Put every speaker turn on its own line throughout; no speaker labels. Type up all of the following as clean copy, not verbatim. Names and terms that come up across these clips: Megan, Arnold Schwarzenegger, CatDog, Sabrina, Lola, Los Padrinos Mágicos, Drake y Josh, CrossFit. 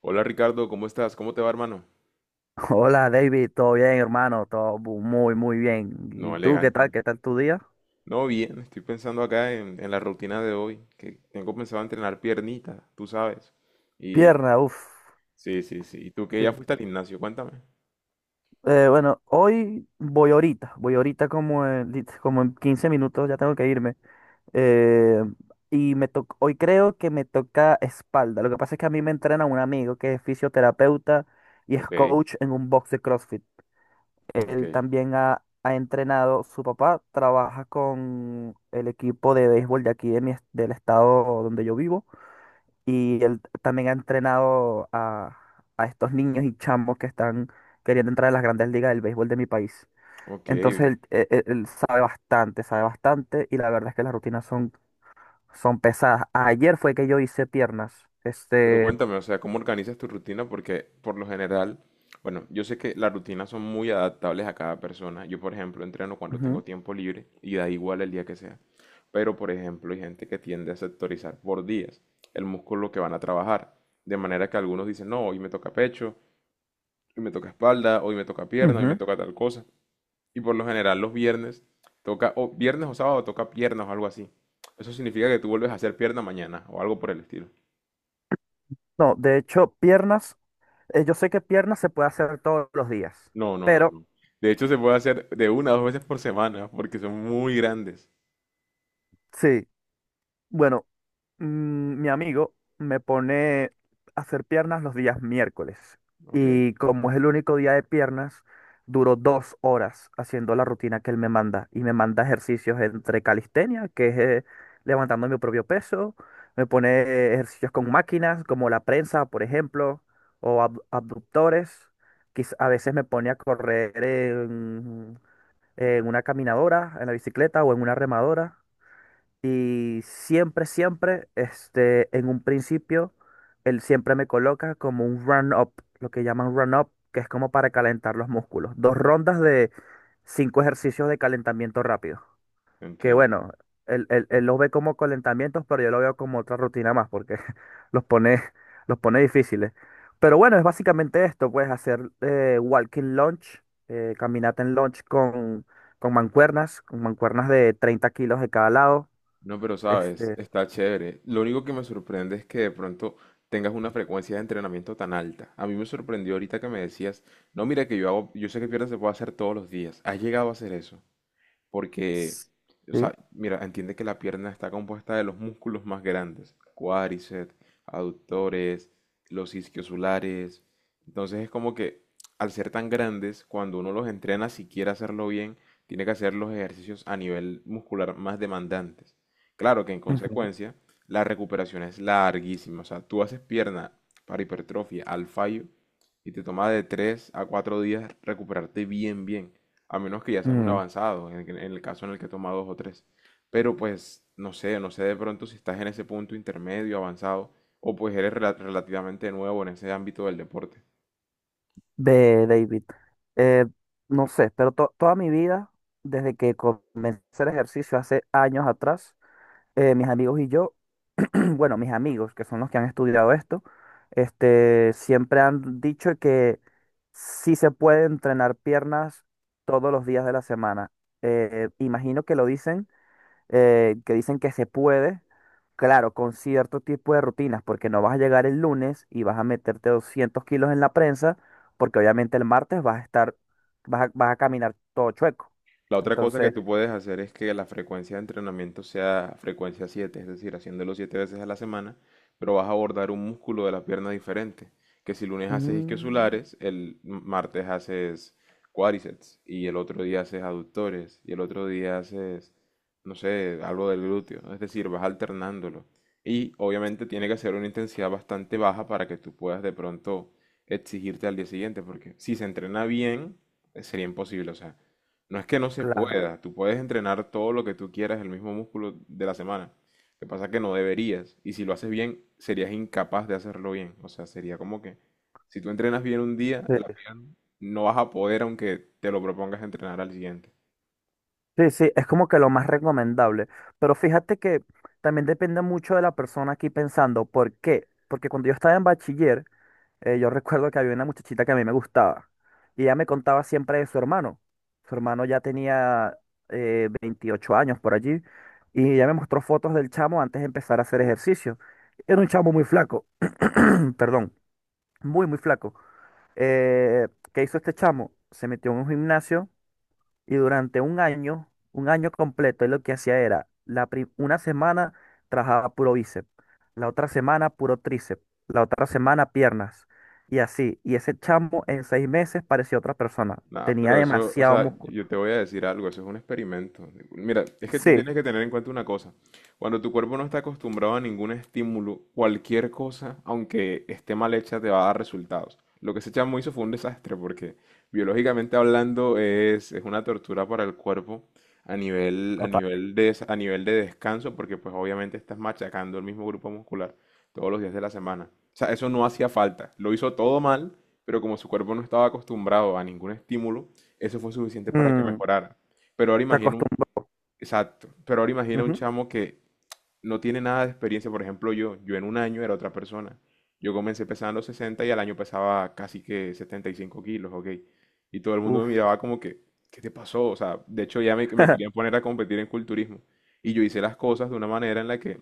Hola Ricardo, ¿cómo estás? ¿Cómo te va, hermano?
Hola David, todo bien hermano, muy muy bien. ¿Y
No,
tú qué tal?
elegante.
¿Qué tal tu día?
No, bien, estoy pensando acá en la rutina de hoy, que tengo pensado entrenar piernita, tú sabes. Y
Pierna, uff.
sí, sí, sí. ¿Y tú que ya
Sí.
fuiste al gimnasio? Cuéntame.
Bueno, hoy voy ahorita como en 15 minutos, ya tengo que irme. Eh, Hoy creo que me toca espalda. Lo que pasa es que a mí me entrena un amigo que es fisioterapeuta y es
Ok,
coach en un box de CrossFit.
ok,
Él también ha entrenado, su papá trabaja con el equipo de béisbol de aquí del estado donde yo vivo. Y él también ha entrenado a estos niños y chamos que están queriendo entrar a las grandes ligas del béisbol de mi país.
ok.
Entonces él sabe bastante, sabe bastante, y la verdad es que las rutinas son pesadas. Ayer fue que yo hice piernas.
Pero cuéntame, o sea, ¿cómo organizas tu rutina? Porque por lo general, bueno, yo sé que las rutinas son muy adaptables a cada persona. Yo, por ejemplo, entreno cuando
Ujú,
tengo tiempo libre y da igual el día que sea. Pero, por ejemplo, hay gente que tiende a sectorizar por días el músculo que van a trabajar. De manera que algunos dicen, no, hoy me toca pecho, hoy me toca espalda, hoy me toca pierna, hoy me
ujú.
toca tal cosa. Y por lo general los viernes toca, o viernes o sábado toca piernas o algo así. Eso significa que tú vuelves a hacer pierna mañana o algo por el estilo.
No, de hecho, piernas, yo sé que piernas se puede hacer todos los días,
No, no, no,
pero
no. De hecho, se puede hacer de 1 a 2 veces por semana porque son muy grandes.
sí. Bueno, mi amigo me pone a hacer piernas los días miércoles,
Ok,
y como es el único día de piernas, duro 2 horas haciendo la rutina que él me manda, y me manda ejercicios entre calistenia, que es levantando mi propio peso. Me pone ejercicios con máquinas como la prensa, por ejemplo, o abductores. A veces me pone a correr en una caminadora, en la bicicleta o en una remadora. Y siempre, siempre, en un principio, él siempre me coloca como un run-up, lo que llaman run-up, que es como para calentar los músculos. Dos rondas de cinco ejercicios de calentamiento rápido. Que
entiendo.
bueno, él los ve como calentamientos, pero yo lo veo como otra rutina más, porque los pone, los pone difíciles. Pero bueno, es básicamente esto, pues hacer walking lunge, caminata en lunge con mancuernas de 30 kilos de cada lado.
No, pero sabes,
este,
está chévere. Lo único que me sorprende es que de pronto tengas una frecuencia de entrenamiento tan alta. A mí me sorprendió ahorita que me decías, no, mira que yo hago, yo sé que pierna se puede hacer todos los días. ¿Has llegado a hacer eso? Porque, o
sí.
sea, mira, entiende que la pierna está compuesta de los músculos más grandes: cuádriceps, aductores, los isquiosulares. Entonces es como que al ser tan grandes, cuando uno los entrena, si quiere hacerlo bien, tiene que hacer los ejercicios a nivel muscular más demandantes. Claro que, en
Ujú.
consecuencia, la recuperación es larguísima. O sea, tú haces pierna para hipertrofia al fallo y te toma de 3 a 4 días recuperarte bien, bien, a menos que ya seas un
mm,
avanzado, en el caso en el que toma dos o tres. Pero pues, no sé, no sé de pronto si estás en ese punto intermedio, avanzado, o pues eres relativamente nuevo en ese ámbito del deporte.
De David. Eh, no sé, pero toda mi vida, desde que comencé el ejercicio hace años atrás, mis amigos y yo, bueno, mis amigos, que son los que han estudiado esto, siempre han dicho que sí se puede entrenar piernas todos los días de la semana. Imagino que lo dicen, que dicen que se puede, claro, con cierto tipo de rutinas, porque no vas a llegar el lunes y vas a meterte 200 kilos en la prensa, porque obviamente el martes vas a estar, vas a caminar todo chueco.
La otra cosa que
Entonces,
tú puedes hacer es que la frecuencia de entrenamiento sea frecuencia 7, es decir, haciéndolo 7 veces a la semana, pero vas a abordar un músculo de la pierna diferente, que si lunes haces
mm,
isquiosulares, el martes haces cuádriceps y el otro día haces aductores y el otro día haces, no sé, algo del glúteo, ¿no? Es decir, vas alternándolo. Y obviamente tiene que ser una intensidad bastante baja para que tú puedas de pronto exigirte al día siguiente, porque si se entrena bien, sería imposible, o sea. No es que no se
claro.
pueda, tú puedes entrenar todo lo que tú quieras, el mismo músculo de la semana. Lo que pasa es que no deberías, y si lo haces bien, serías incapaz de hacerlo bien. O sea, sería como que si tú entrenas bien un día,
Sí,
no vas a poder, aunque te lo propongas, entrenar al siguiente.
sí, sí, es como que lo más recomendable. Pero fíjate que también depende mucho de la persona aquí pensando. ¿Por qué? Porque cuando yo estaba en bachiller, yo recuerdo que había una muchachita que a mí me gustaba, y ella me contaba siempre de su hermano. Su hermano ya tenía 28 años por allí, y ella me mostró fotos del chamo antes de empezar a hacer ejercicio. Era un chamo muy flaco, perdón, muy, muy flaco. ¿Qué hizo este chamo? Se metió en un gimnasio, y durante un año completo, él lo que hacía era, una semana trabajaba puro bíceps, la otra semana puro tríceps, la otra semana piernas, y así. Y ese chamo en 6 meses parecía otra persona.
Nah,
Tenía
pero eso, o
demasiado
sea,
músculo.
yo te voy a decir algo, eso es un experimento. Mira, es que tú
Sí.
tienes que tener en cuenta una cosa. Cuando tu cuerpo no está acostumbrado a ningún estímulo, cualquier cosa, aunque esté mal hecha, te va a dar resultados. Lo que ese chamo hizo fue un desastre porque, biológicamente hablando, es una tortura para el cuerpo
Total.
a nivel de descanso, porque pues obviamente estás machacando el mismo grupo muscular todos los días de la semana. O sea, eso no hacía falta. Lo hizo todo mal, pero como su cuerpo no estaba acostumbrado a ningún estímulo, eso fue suficiente para que
mm,
mejorara. Pero ahora
Se
imagino un,
acostumbra.
exacto, pero ahora imagina un
Ujú.
chamo que no tiene nada de experiencia, por ejemplo yo, en un año era otra persona. Yo comencé pesando 60 y al año pesaba casi que 75 kilos, ok. Y todo el mundo me
Uf.
miraba como que, ¿qué te pasó? O sea, de hecho ya me querían poner a competir en culturismo. Y yo hice las cosas de una manera en la que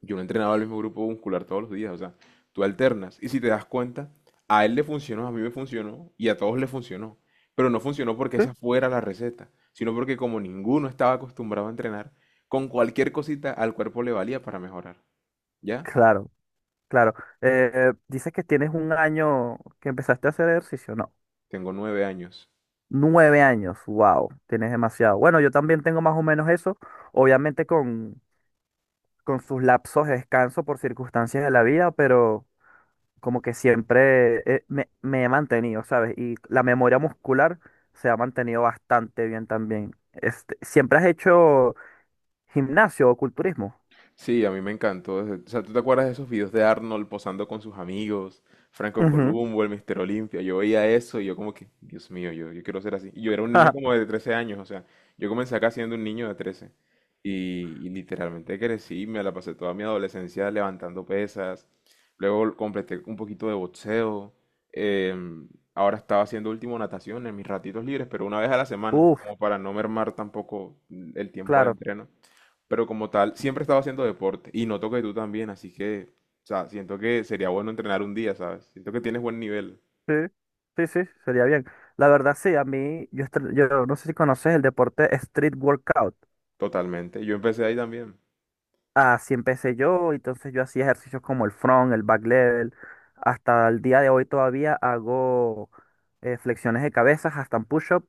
yo no entrenaba el mismo grupo muscular todos los días, o sea, tú alternas. Y si te das cuenta, a él le funcionó, a mí me funcionó y a todos le funcionó. Pero no funcionó porque
Sí.
esa fuera la receta, sino porque como ninguno estaba acostumbrado a entrenar, con cualquier cosita al cuerpo le valía para mejorar. ¿Ya?
Claro, claro. Dices que tienes un año que empezaste a hacer ejercicio, ¿no?
Tengo 9 años.
9 años, wow, tienes demasiado. Bueno, yo también tengo más o menos eso, obviamente con sus lapsos de descanso por circunstancias de la vida, pero como que siempre me he mantenido, ¿sabes? Y la memoria muscular se ha mantenido bastante bien también. ¿Siempre has hecho gimnasio o culturismo?
Sí, a mí me encantó. O sea, ¿tú te acuerdas de esos videos de Arnold posando con sus amigos? Franco
Ujú.
Columbo, el Mister Olimpia. Yo veía eso y yo como que, Dios mío, yo quiero ser así. Y yo era un niño como de 13 años, o sea, yo comencé acá siendo un niño de 13. Y literalmente crecí, me la pasé toda mi adolescencia levantando pesas. Luego completé un poquito de boxeo. em, Ahora estaba haciendo último natación en mis ratitos libres, pero 1 vez a la semana,
Uf,
como para no mermar tampoco el tiempo al
claro.
entreno. Pero como tal, siempre he estado haciendo deporte y noto que tú también, así que, o sea, siento que sería bueno entrenar un día, ¿sabes? Siento que tienes buen nivel,
Sí, sí, sí, sería bien. La verdad, sí, a mí, yo, estre- yo no sé si conoces el deporte street workout.
totalmente. Yo empecé ahí también.
Así empecé yo, entonces yo hacía ejercicios como el front, el back level. Hasta el día de hoy todavía hago flexiones de cabezas, hasta un push-up,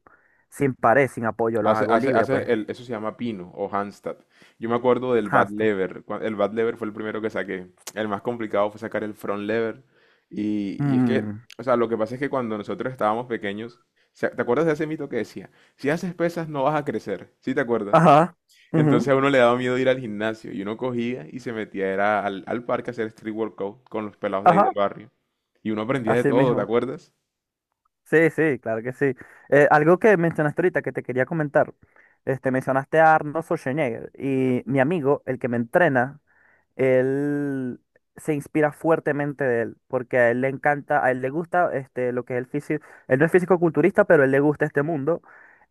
sin pared, sin apoyo, los hago libre, pues,
Eso se llama pino o handstand. Yo me acuerdo del bad
handstand.
lever. El bad lever fue el primero que saqué. El más complicado fue sacar el front lever. Y es que,
Mm.
o sea, lo que pasa es que cuando nosotros estábamos pequeños. ¿Te acuerdas de ese mito que decía? Si haces pesas no vas a crecer. ¿Sí te acuerdas?
Ajá,
Entonces
ujú,
a uno le daba miedo ir al gimnasio y uno cogía y se metía era al parque a hacer street workout con los pelados de ahí
ajá,
del barrio. Y uno aprendía de
así
todo, ¿te
mismo.
acuerdas?
Sí, sí, claro que sí. Algo que mencionaste ahorita que te quería comentar, mencionaste a Arnold Schwarzenegger, y mi amigo, el que me entrena, él se inspira fuertemente de él, porque a él le encanta, a él le gusta lo que es el físico. Él no es físico-culturista, pero a él le gusta este mundo,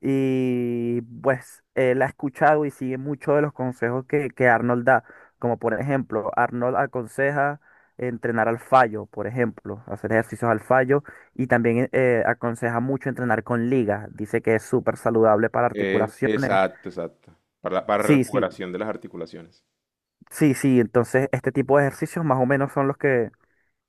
y pues él ha escuchado y sigue muchos de los consejos que Arnold da. Como por ejemplo, Arnold aconseja entrenar al fallo, por ejemplo, hacer ejercicios al fallo, y también aconseja mucho entrenar con ligas, dice que es súper saludable para articulaciones.
Exacto, exacto. Para
Sí, sí,
recuperación de las articulaciones.
sí, sí, entonces este tipo de ejercicios más o menos son los que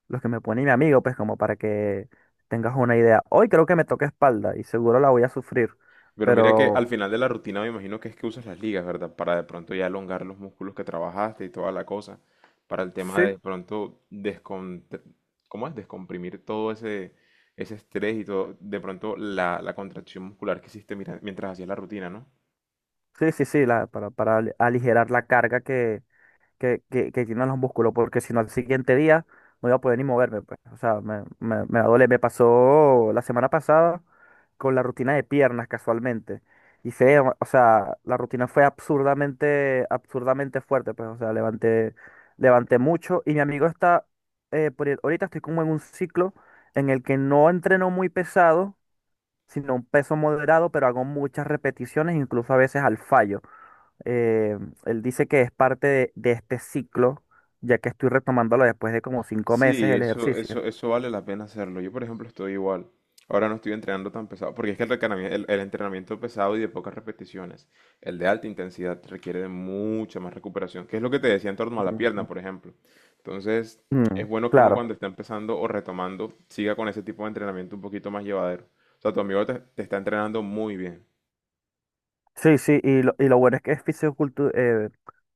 los que me pone mi amigo, pues, como para que tengas una idea. Hoy creo que me toca espalda y seguro la voy a sufrir,
Pero mira que
pero
al final de la rutina me imagino que es que usas las ligas, ¿verdad? Para de pronto ya elongar los músculos que trabajaste y toda la cosa. Para el tema de
sí,
de pronto ¿cómo es? Descomprimir todo ese estrés y todo, de pronto la contracción muscular que hiciste mientras hacías la rutina, ¿no?
sí, sí, sí, la, para ali- aligerar la carga que tienen los músculos, porque si no al siguiente día no iba a poder ni moverme, pues. O sea, me va a doler. Me pasó la semana pasada con la rutina de piernas casualmente. O sea, la rutina fue absurdamente, absurdamente fuerte, pues, o sea, levanté mucho, y mi amigo está, por, ahorita estoy como en un ciclo en el que no entreno muy pesado sino un peso moderado, pero hago muchas repeticiones, incluso a veces al fallo. Eh, Él dice que es parte de este ciclo, ya que estoy retomándolo después de como cinco
Sí,
meses el
eso,
ejercicio.
eso, eso vale la pena hacerlo. Yo, por ejemplo, estoy igual. Ahora no estoy entrenando tan pesado, porque es que el entrenamiento pesado y de pocas repeticiones, el de alta intensidad, requiere de mucha más recuperación, que es lo que te decía en torno a la pierna,
Ujú.
por ejemplo. Entonces, es
Mm,
bueno que uno,
claro,
cuando está empezando o retomando, siga con ese tipo de entrenamiento un poquito más llevadero. O sea, tu amigo te está entrenando muy bien.
sí, sí, y lo bueno es que es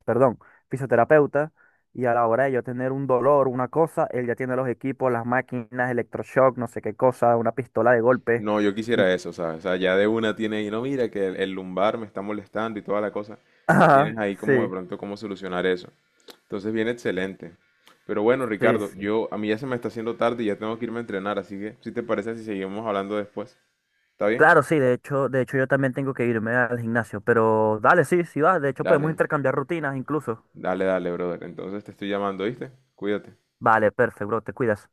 perdón, fisioterapeuta, y a la hora de yo tener un dolor, una cosa, él ya tiene los equipos, las máquinas, electroshock, no sé qué cosa, una pistola de golpe,
No, yo
y...
quisiera eso, ¿sabes? O sea, ya de una tiene ahí, no, mira que el lumbar me está molestando y toda la cosa. Ya
Ajá,
tienes ahí
sí,
como de pronto cómo solucionar eso. Entonces viene excelente. Pero bueno,
sí,
Ricardo,
sí.
yo a mí ya se me está haciendo tarde y ya tengo que irme a entrenar, así que si te parece si seguimos hablando después, ¿está bien?
Claro, sí, de hecho yo también tengo que irme al gimnasio, pero dale, sí, sí va. De hecho, podemos
Dale,
intercambiar rutinas incluso.
dale, dale, brother. Entonces te estoy llamando, ¿viste? Cuídate.
Vale, perfecto, bro, te cuidas.